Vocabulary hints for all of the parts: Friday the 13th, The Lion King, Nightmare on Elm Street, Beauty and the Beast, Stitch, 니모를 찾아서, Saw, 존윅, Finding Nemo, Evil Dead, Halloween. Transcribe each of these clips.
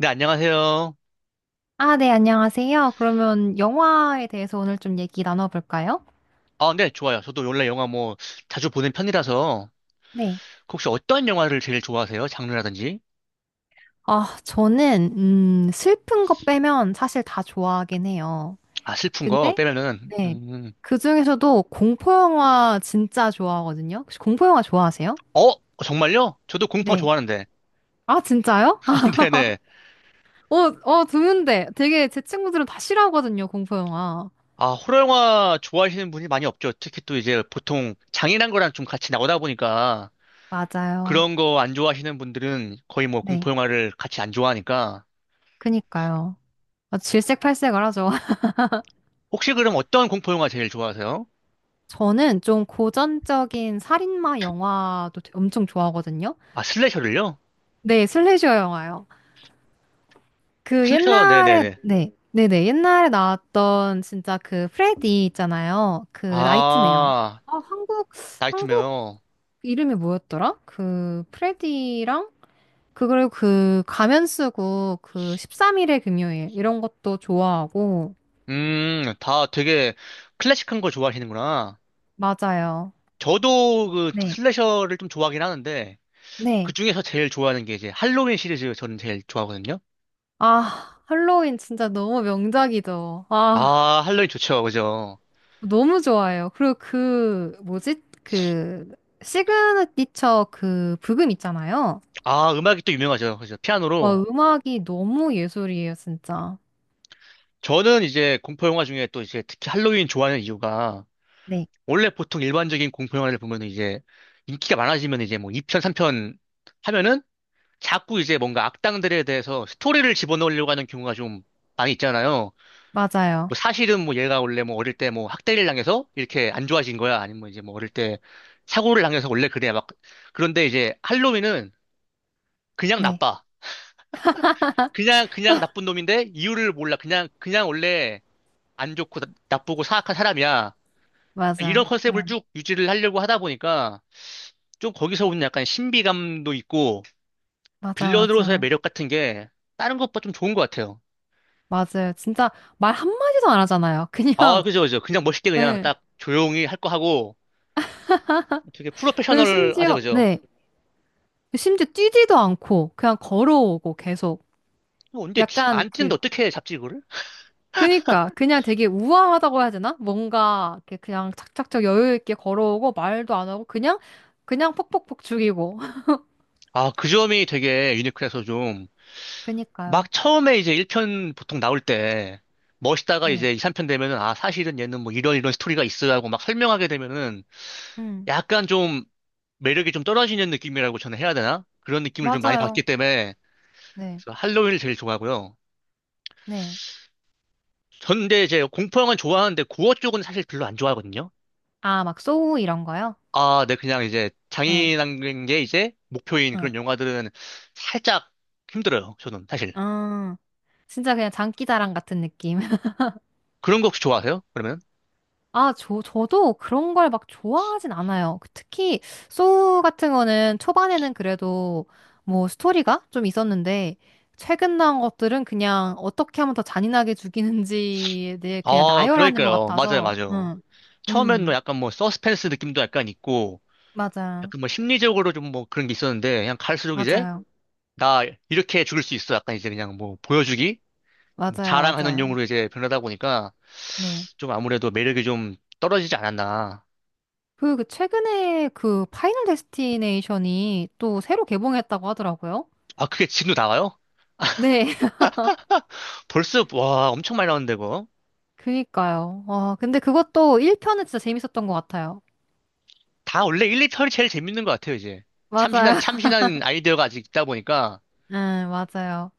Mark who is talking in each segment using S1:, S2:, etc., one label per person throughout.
S1: 네, 안녕하세요.
S2: 아, 네, 안녕하세요. 그러면 영화에 대해서 오늘 좀 얘기 나눠볼까요?
S1: 아, 네, 좋아요. 저도 원래 영화 뭐 자주 보는 편이라서
S2: 네.
S1: 혹시 어떤 영화를 제일 좋아하세요? 장르라든지?
S2: 아, 저는, 슬픈 거 빼면 사실 다 좋아하긴 해요.
S1: 아, 슬픈 거
S2: 근데,
S1: 빼면은
S2: 네. 그 중에서도 공포영화 진짜 좋아하거든요. 혹시 공포영화 좋아하세요?
S1: 어, 어, 정말요? 저도 공포
S2: 네.
S1: 좋아하는데.
S2: 아, 진짜요?
S1: 아, 네네.
S2: 어, 어, 드문데. 되게 제 친구들은 다 싫어하거든요, 공포영화.
S1: 아, 호러 영화 좋아하시는 분이 많이 없죠. 특히 또 이제 보통 장인한 거랑 좀 같이 나오다 보니까
S2: 맞아요.
S1: 그런 거 안 좋아하시는 분들은 거의 뭐
S2: 네.
S1: 공포 영화를 같이 안 좋아하니까
S2: 그니까요. 아, 질색팔색을 하죠.
S1: 혹시 그럼 어떤 공포 영화 제일 좋아하세요?
S2: 저는 좀 고전적인 살인마 영화도 엄청 좋아하거든요.
S1: 아, 슬래셔를요?
S2: 네, 슬래셔 영화요. 그
S1: 슬래셔,
S2: 옛날에,
S1: 네네네.
S2: 네, 네네, 옛날에 나왔던 진짜 그 프레디 있잖아요. 그 나이트메어.
S1: 아,
S2: 아, 한국, 한국
S1: 나이트메어.
S2: 이름이 뭐였더라? 그 프레디랑, 그걸 그 가면 쓰고 그 13일의 금요일, 이런 것도 좋아하고,
S1: 다 되게 클래식한 걸 좋아하시는구나.
S2: 맞아요.
S1: 저도 그
S2: 네,
S1: 슬래셔를 좀 좋아하긴 하는데, 그
S2: 네.
S1: 중에서 제일 좋아하는 게 이제 할로윈 시리즈 저는 제일 좋아하거든요.
S2: 아, 할로윈 진짜 너무 명작이죠. 아.
S1: 아, 할로윈 좋죠. 그죠?
S2: 너무 좋아요. 그리고 그, 뭐지? 그, 시그니처 그 부금 있잖아요.
S1: 아, 음악이 또 유명하죠. 그죠?
S2: 와,
S1: 피아노로.
S2: 음악이 너무 예술이에요, 진짜.
S1: 저는 이제 공포영화 중에 또 이제 특히 할로윈 좋아하는 이유가,
S2: 네,
S1: 원래 보통 일반적인 공포영화를 보면 이제 인기가 많아지면 이제 뭐 2편, 3편 하면은 자꾸 이제 뭔가 악당들에 대해서 스토리를 집어넣으려고 하는 경우가 좀 많이 있잖아요.
S2: 맞아요.
S1: 뭐 사실은 뭐 얘가 원래 뭐 어릴 때 뭐 학대를 당해서 이렇게 안 좋아진 거야. 아니면 뭐 이제 뭐 어릴 때 사고를 당해서 원래 그래. 막 그런데 이제 할로윈은 그냥
S2: 네,
S1: 나빠. 그냥 그냥 나쁜 놈인데 이유를 몰라. 그냥 그냥 원래 안 좋고 나쁘고 사악한 사람이야. 이런
S2: 맞아.
S1: 컨셉을
S2: 응,
S1: 쭉 유지를 하려고 하다 보니까 좀 거기서 오는 약간 신비감도 있고
S2: 맞아,
S1: 빌런으로서의
S2: 맞아.
S1: 매력 같은 게 다른 것보다 좀 좋은 것 같아요.
S2: 맞아요. 진짜 말 한마디도 안 하잖아요.
S1: 아,
S2: 그냥,
S1: 그죠, 그죠. 그냥 멋있게 그냥
S2: 네.
S1: 딱 조용히 할 거 하고 되게
S2: 그리고
S1: 프로페셔널하죠,
S2: 심지어,
S1: 그죠.
S2: 네. 심지어 뛰지도 않고, 그냥 걸어오고 계속.
S1: 어, 근데
S2: 약간
S1: 안
S2: 그,
S1: 뛰는데 어떻게 잡지 그걸? 를
S2: 그니까 그냥 되게 우아하다고 해야 되나? 뭔가 이렇게 그냥 착착착 여유 있게 걸어오고 말도 안 하고 그냥 그냥 퍽퍽퍽 죽이고.
S1: 아, 그 점이 되게 유니크해서 좀
S2: 그니까요.
S1: 막 처음에 이제 1편 보통 나올 때 멋있다가
S2: 네.
S1: 이제 2, 3편 되면은 아, 사실은 얘는 뭐 이런 스토리가 있어야 하고 막 설명하게 되면은
S2: 음
S1: 약간 좀 매력이 좀 떨어지는 느낌이라고 저는 해야 되나? 그런 느낌을 좀 많이 받기
S2: 맞아요.
S1: 때문에
S2: 네.
S1: 그래서 할로윈을 제일 좋아하고요.
S2: 네.
S1: 전 근데 이제 공포 영화는 좋아하는데 고어 쪽은 사실 별로 안 좋아하거든요.
S2: 아, 막 소우 이런 거요?
S1: 아, 네, 그냥 이제
S2: 응,
S1: 장인한 게 이제 목표인
S2: 응.
S1: 그런 영화들은 살짝 힘들어요, 저는 사실.
S2: 아, 진짜 그냥 장기자랑 같은 느낌.
S1: 그런 거 혹시 좋아하세요? 그러면?
S2: 아, 저도 그런 걸 막 좋아하진 않아요. 그 특히, 소우 같은 거는 초반에는 그래도 뭐 스토리가 좀 있었는데, 최근 나온 것들은 그냥 어떻게 하면 더 잔인하게 죽이는지에 대해 그냥
S1: 아,
S2: 나열하는 것
S1: 그러니까요. 맞아요,
S2: 같아서,
S1: 맞아요.
S2: 응.
S1: 처음엔 뭐
S2: 음,
S1: 약간 뭐 서스펜스 느낌도 약간 있고,
S2: 맞아.
S1: 약간 뭐 심리적으로 좀 뭐 그런 게 있었는데, 그냥 갈수록 이제,
S2: 맞아요.
S1: 나 이렇게 죽을 수 있어. 약간 이제 그냥 뭐 보여주기? 뭐
S2: 맞아요.
S1: 자랑하는
S2: 맞아요.
S1: 용으로 이제 변하다 보니까,
S2: 네.
S1: 좀 아무래도 매력이 좀 떨어지지 않았나.
S2: 그, 그 최근에 그 파이널 데스티네이션이 또 새로 개봉했다고 하더라고요.
S1: 아, 그게 지금도 나와요?
S2: 네.
S1: 벌써, 와, 엄청 많이 나오는데, 그거?
S2: 그니까요. 어, 근데 그것도 1편은 진짜 재밌었던 것 같아요.
S1: 다 원래 1, 2편이 제일 재밌는 것 같아요, 이제. 참신한,
S2: 맞아요.
S1: 참신한 아이디어가 아직 있다 보니까.
S2: 응, 맞아요.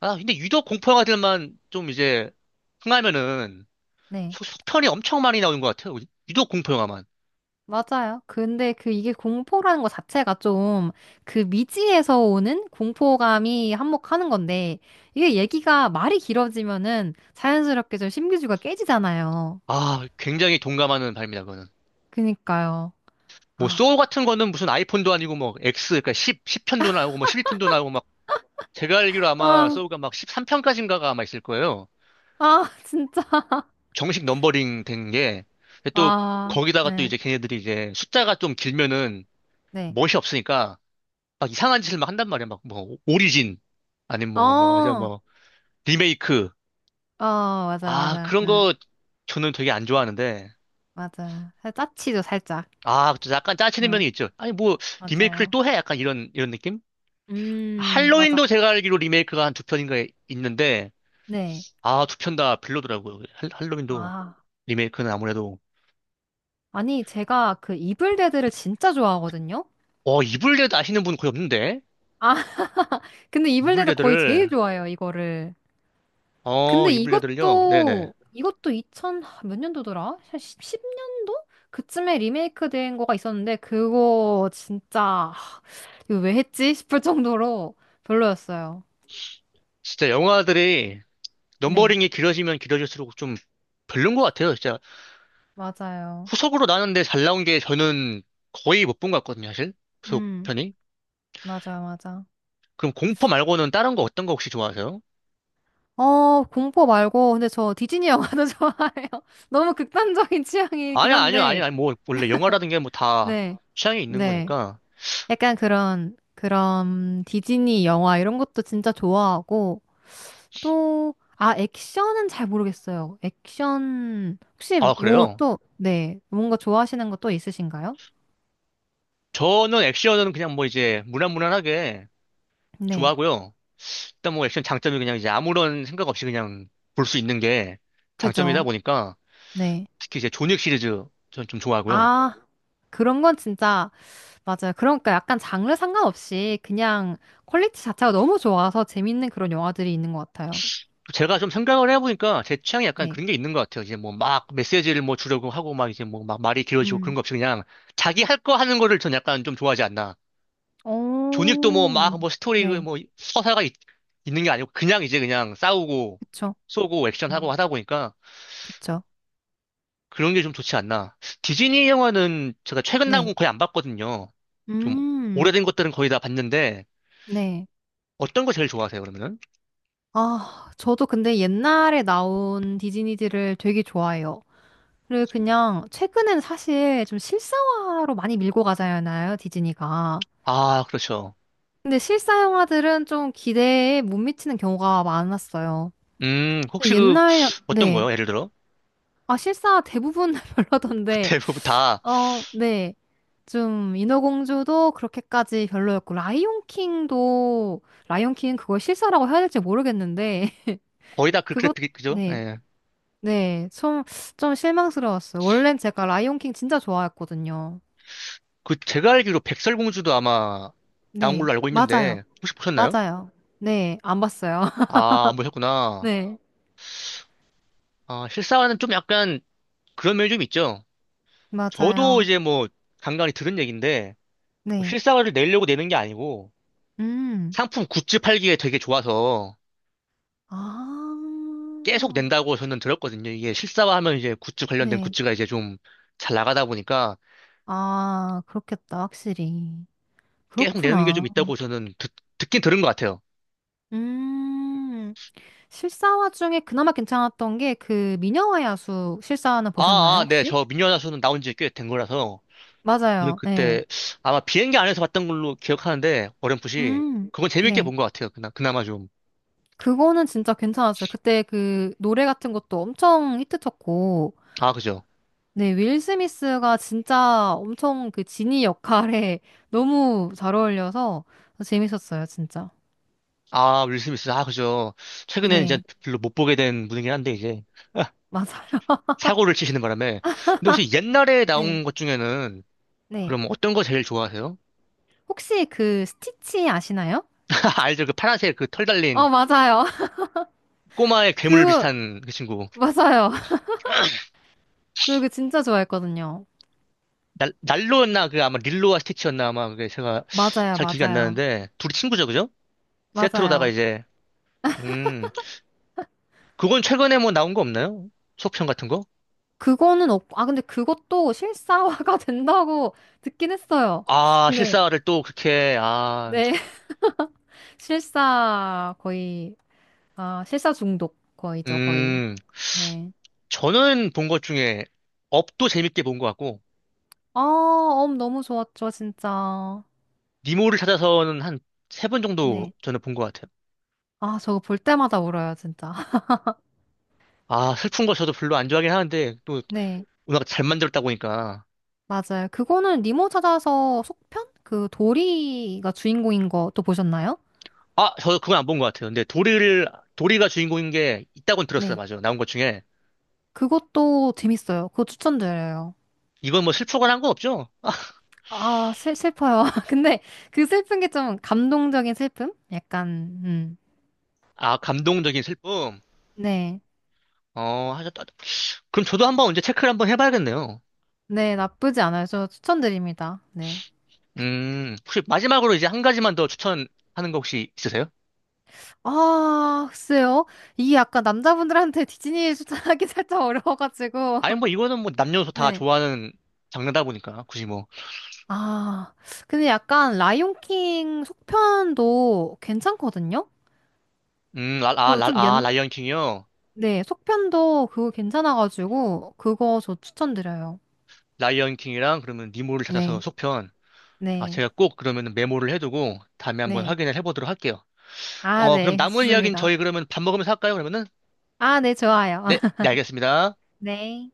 S1: 아, 근데 유독 공포 영화들만 좀 이제, 흥하면은,
S2: 네.
S1: 속편이 엄청 많이 나오는 것 같아요. 유독 공포 영화만.
S2: 맞아요. 근데 그 이게 공포라는 것 자체가 좀 그 미지에서 오는 공포감이 한몫하는 건데 이게 얘기가 말이 길어지면은 자연스럽게 좀 신비주의가 깨지잖아요.
S1: 아, 굉장히 동감하는 바입니다, 그거는.
S2: 그니까요.
S1: 뭐, 소울
S2: 아,
S1: 같은 거는 무슨 아이폰도 아니고, 뭐, X, 그러니까 10편도 나오고, 뭐, 12편도 나오고, 막, 제가 알기로 아마
S2: 아,
S1: 소울가 막 13편까지인가가 아마 있을 거예요.
S2: 아, 진짜.
S1: 정식 넘버링 된 게. 근데 또,
S2: 아,
S1: 거기다가 또
S2: 네,
S1: 이제 걔네들이 이제 숫자가 좀 길면은
S2: 네.
S1: 멋이 없으니까, 막 이상한 짓을 막 한단 말이야. 막, 뭐, 오리진, 아니면
S2: 어,
S1: 뭐, 뭐, 저
S2: 어,
S1: 뭐, 리메이크.
S2: 맞아,
S1: 아,
S2: 맞아.
S1: 그런
S2: 응,
S1: 거 저는 되게 안 좋아하는데,
S2: 맞아. 짜치죠, 살짝.
S1: 아, 그쵸. 약간 짜치는
S2: 응,
S1: 면이 있죠. 아니, 뭐, 리메이크를
S2: 맞아요.
S1: 또 해? 약간 이런, 이런 느낌?
S2: 맞아.
S1: 할로윈도 제가 알기로 리메이크가 한 두 편인가 있는데,
S2: 네.
S1: 아, 두 편 다 별로더라고요. 할로윈도,
S2: 아.
S1: 리메이크는 아무래도.
S2: 아니, 제가 그 이블데드를 진짜 좋아하거든요?
S1: 어, 이블레드 아시는 분 거의 없는데?
S2: 아, 근데 이블데드 거의 제일
S1: 이블레드를,
S2: 좋아해요, 이거를.
S1: 어,
S2: 근데
S1: 이블레드를요? 네네.
S2: 이것도 2000, 하, 몇 년도더라? 한 10년도? 그쯤에 리메이크 된 거가 있었는데, 그거 진짜, 하, 이거 왜 했지? 싶을 정도로 별로였어요.
S1: 진짜 영화들이
S2: 네,
S1: 넘버링이 길어지면 길어질수록 좀 별론 것 같아요. 진짜
S2: 맞아요.
S1: 후속으로 나는데 잘 나온 게 저는 거의 못 본 것 같거든요, 사실.
S2: 음,
S1: 후속편이.
S2: 맞아요, 맞아.
S1: 그럼 공포 말고는 다른 거 어떤 거 혹시 좋아하세요?
S2: 어, 공포 말고, 근데 저 디즈니 영화도 좋아해요. 너무 극단적인 취향이긴
S1: 아니야, 아니야,
S2: 한데,
S1: 아니야. 아니, 뭐, 원래 영화라든 게 뭐 다
S2: 네,
S1: 취향이 있는
S2: 네.
S1: 거니까.
S2: 약간 그런 디즈니 영화 이런 것도 진짜 좋아하고, 또, 아, 액션은 잘 모르겠어요. 액션, 혹시
S1: 아,
S2: 뭐
S1: 그래요?
S2: 또, 네, 뭔가 좋아하시는 거 또 있으신가요?
S1: 저는 액션은 그냥 뭐 이제 무난무난하게
S2: 네,
S1: 좋아하고요. 일단 뭐 액션 장점이 그냥 이제 아무런 생각 없이 그냥 볼 수 있는 게 장점이다
S2: 그죠.
S1: 보니까
S2: 네.
S1: 특히 이제 존윅 시리즈 저는 좀 좋아하고요.
S2: 아, 그런 건 진짜, 맞아요. 그러니까 약간 장르 상관없이 그냥 퀄리티 자체가 너무 좋아서 재밌는 그런 영화들이 있는 것 같아요.
S1: 제가 좀 생각을 해보니까 제 취향이 약간
S2: 네.
S1: 그런 게 있는 것 같아요. 이제 뭐 막 메시지를 뭐 주려고 하고 막 이제 뭐 막 말이 길어지고 그런
S2: 음.
S1: 거 없이 그냥 자기 할 거 하는 거를 전 약간 좀 좋아하지 않나. 존윅도 뭐
S2: 오,
S1: 막 뭐 스토리 그
S2: 네.
S1: 뭐 서사가 는게 아니고 그냥 이제 그냥 싸우고
S2: 그쵸.
S1: 쏘고 액션하고
S2: 음,
S1: 하다 보니까
S2: 그쵸.
S1: 그런 게 좀 좋지 않나. 디즈니 영화는 제가 최근 나온
S2: 네.
S1: 건 거의 안 봤거든요. 좀
S2: 음.
S1: 오래된 것들은 거의 다 봤는데
S2: 네.
S1: 어떤 거 제일 좋아하세요, 그러면은?
S2: 아, 저도 근데 옛날에 나온 디즈니들을 되게 좋아해요. 그리고 그냥 최근엔 사실 좀 실사화로 많이 밀고 가잖아요, 디즈니가.
S1: 아, 그렇죠.
S2: 근데 실사 영화들은 좀 기대에 못 미치는 경우가 많았어요. 근데
S1: 혹시 그
S2: 옛날,
S1: 어떤
S2: 네.
S1: 거요? 예를 들어?
S2: 아, 실사 대부분 별로던데,
S1: 대부분 다
S2: 어, 네. 좀 인어공주도 그렇게까지 별로였고, 라이온킹도, 라이온킹은 그걸 실사라고 해야 될지 모르겠는데,
S1: 거의 다 그
S2: 그것,
S1: 그래픽이 그죠?
S2: 네.
S1: 예.
S2: 네, 좀, 좀 실망스러웠어요. 원래는 제가 라이온킹 진짜 좋아했거든요.
S1: 그 제가 알기로 백설공주도 아마 나온
S2: 네,
S1: 걸로 알고
S2: 맞아요.
S1: 있는데 혹시 보셨나요?
S2: 맞아요. 네, 안 봤어요.
S1: 아, 안 보셨구나.
S2: 네,
S1: 아, 실사화는 좀 약간 그런 면이 좀 있죠. 저도
S2: 맞아요.
S1: 이제 뭐 간간히 들은 얘기인데 뭐
S2: 네,
S1: 실사화를 내려고 내는 게 아니고
S2: 음,
S1: 상품 굿즈 팔기에 되게 좋아서 계속
S2: 아,
S1: 낸다고 저는 들었거든요. 이게 실사화하면 이제 굿즈 관련된
S2: 네,
S1: 굿즈가 이제 좀 잘 나가다 보니까
S2: 아, 그렇겠다, 확실히.
S1: 계속 내는 게 좀
S2: 그렇구나.
S1: 있다고 저는 듣긴 들은 것 같아요.
S2: 음, 실사화 중에 그나마 괜찮았던 게 그 미녀와 야수 실사화는
S1: 아,
S2: 보셨나요,
S1: 아, 네,
S2: 혹시?
S1: 저 미녀나서는 나온 지 꽤 된 거라서 저는
S2: 맞아요. 네,
S1: 그때 아마 비행기 안에서 봤던 걸로 기억하는데 어렴풋이
S2: 음,
S1: 그건 재밌게
S2: 네.
S1: 본 것 같아요. 그나마 좀.
S2: 그거는 진짜 괜찮았어요. 그때 그 노래 같은 것도 엄청 히트쳤고,
S1: 아, 그죠.
S2: 네, 윌 스미스가 진짜 엄청 그 지니 역할에 너무 잘 어울려서 재밌었어요, 진짜.
S1: 아, 윌 스미스. 아, 그죠. 최근에는 이제
S2: 네,
S1: 별로 못 보게 된 분이긴 한데, 이제,
S2: 맞아요.
S1: 사고를 치시는 바람에. 근데 혹시 옛날에
S2: 네,
S1: 나온 것 중에는,
S2: 네.
S1: 그럼 어떤 거 제일 좋아하세요?
S2: 혹시 그 스티치 아시나요?
S1: 알죠? 그 파란색 그 털 달린
S2: 어, 맞아요.
S1: 꼬마의 괴물
S2: 그,
S1: 비슷한 그 친구.
S2: 맞아요. 저 이거 진짜 좋아했거든요.
S1: 날로였나? 그 아마 릴로와 스티치였나? 아마 그게 제가
S2: 맞아요,
S1: 잘 기억이 안
S2: 맞아요.
S1: 나는데, 둘이 친구죠, 그죠? 세트로다가
S2: 맞아요.
S1: 이제, 음, 그건 최근에 뭐 나온 거 없나요? 속편 같은 거?
S2: 그거는 없고, 아, 근데 그것도 실사화가 된다고 듣긴 했어요.
S1: 아,
S2: 근데,
S1: 실사를 또 그렇게, 아,
S2: 네. 실사 거의 아 실사 중독 거의죠 거의
S1: 음.
S2: 네.
S1: 저는 본 것 중에 업도 재밌게 본 것 같고
S2: 아, 엄 너무 좋았죠 진짜.
S1: 니모를 찾아서는 한 세 번 정도
S2: 네.
S1: 저는 본 것 같아요.
S2: 아 저거 볼 때마다 울어요 진짜.
S1: 아 슬픈 거 저도 별로 안 좋아하긴 하는데 또
S2: 네
S1: 워낙 잘 만들었다 보니까
S2: 맞아요. 그거는 니모 찾아서 속편 그 도리가 주인공인 거 또 보셨나요?
S1: 아 저 그건 안 본 것 같아요. 근데 도리를 도리가 주인공인 게 있다고는 들었어요.
S2: 네
S1: 맞아요. 나온 것 중에
S2: 그것도 재밌어요. 그거 추천드려요.
S1: 이건 뭐 슬프거나 한 거 없죠?
S2: 아 슬퍼요. 근데 그 슬픈 게 좀 감동적인 슬픔? 약간
S1: 아 감동적인 슬픔.
S2: 네.
S1: 어 하셨다. 그럼 저도 한번 언제 체크를 한번 해봐야겠네요.
S2: 네 나쁘지 않아요. 저 추천드립니다. 네.
S1: 혹시 마지막으로 이제 한 가지만 더 추천하는 거 혹시 있으세요?
S2: 아, 글쎄요. 이게 약간 남자분들한테 디즈니 추천하기 살짝
S1: 아니
S2: 어려워가지고.
S1: 뭐 이거는 뭐 남녀노소 다
S2: 네.
S1: 좋아하는 장르다 보니까 굳이 뭐
S2: 아, 근데 약간 라이온킹 속편도 괜찮거든요?
S1: 라, 아,
S2: 또
S1: 라, 아, 라이언 킹이요?
S2: 네, 속편도 그거 괜찮아가지고, 그거 저 추천드려요.
S1: 라이언 킹이랑 그러면 니모를 찾아서
S2: 네,
S1: 속편. 아,
S2: 네,
S1: 제가 꼭 그러면 메모를 해두고 다음에 한번
S2: 네.
S1: 확인을 해보도록 할게요.
S2: 아,
S1: 어, 그럼
S2: 네,
S1: 남은 이야기는
S2: 좋습니다.
S1: 저희 그러면 밥 먹으면서 할까요, 그러면은?
S2: 아, 네, 좋아요.
S1: 네, 네, 알겠습니다.
S2: 네.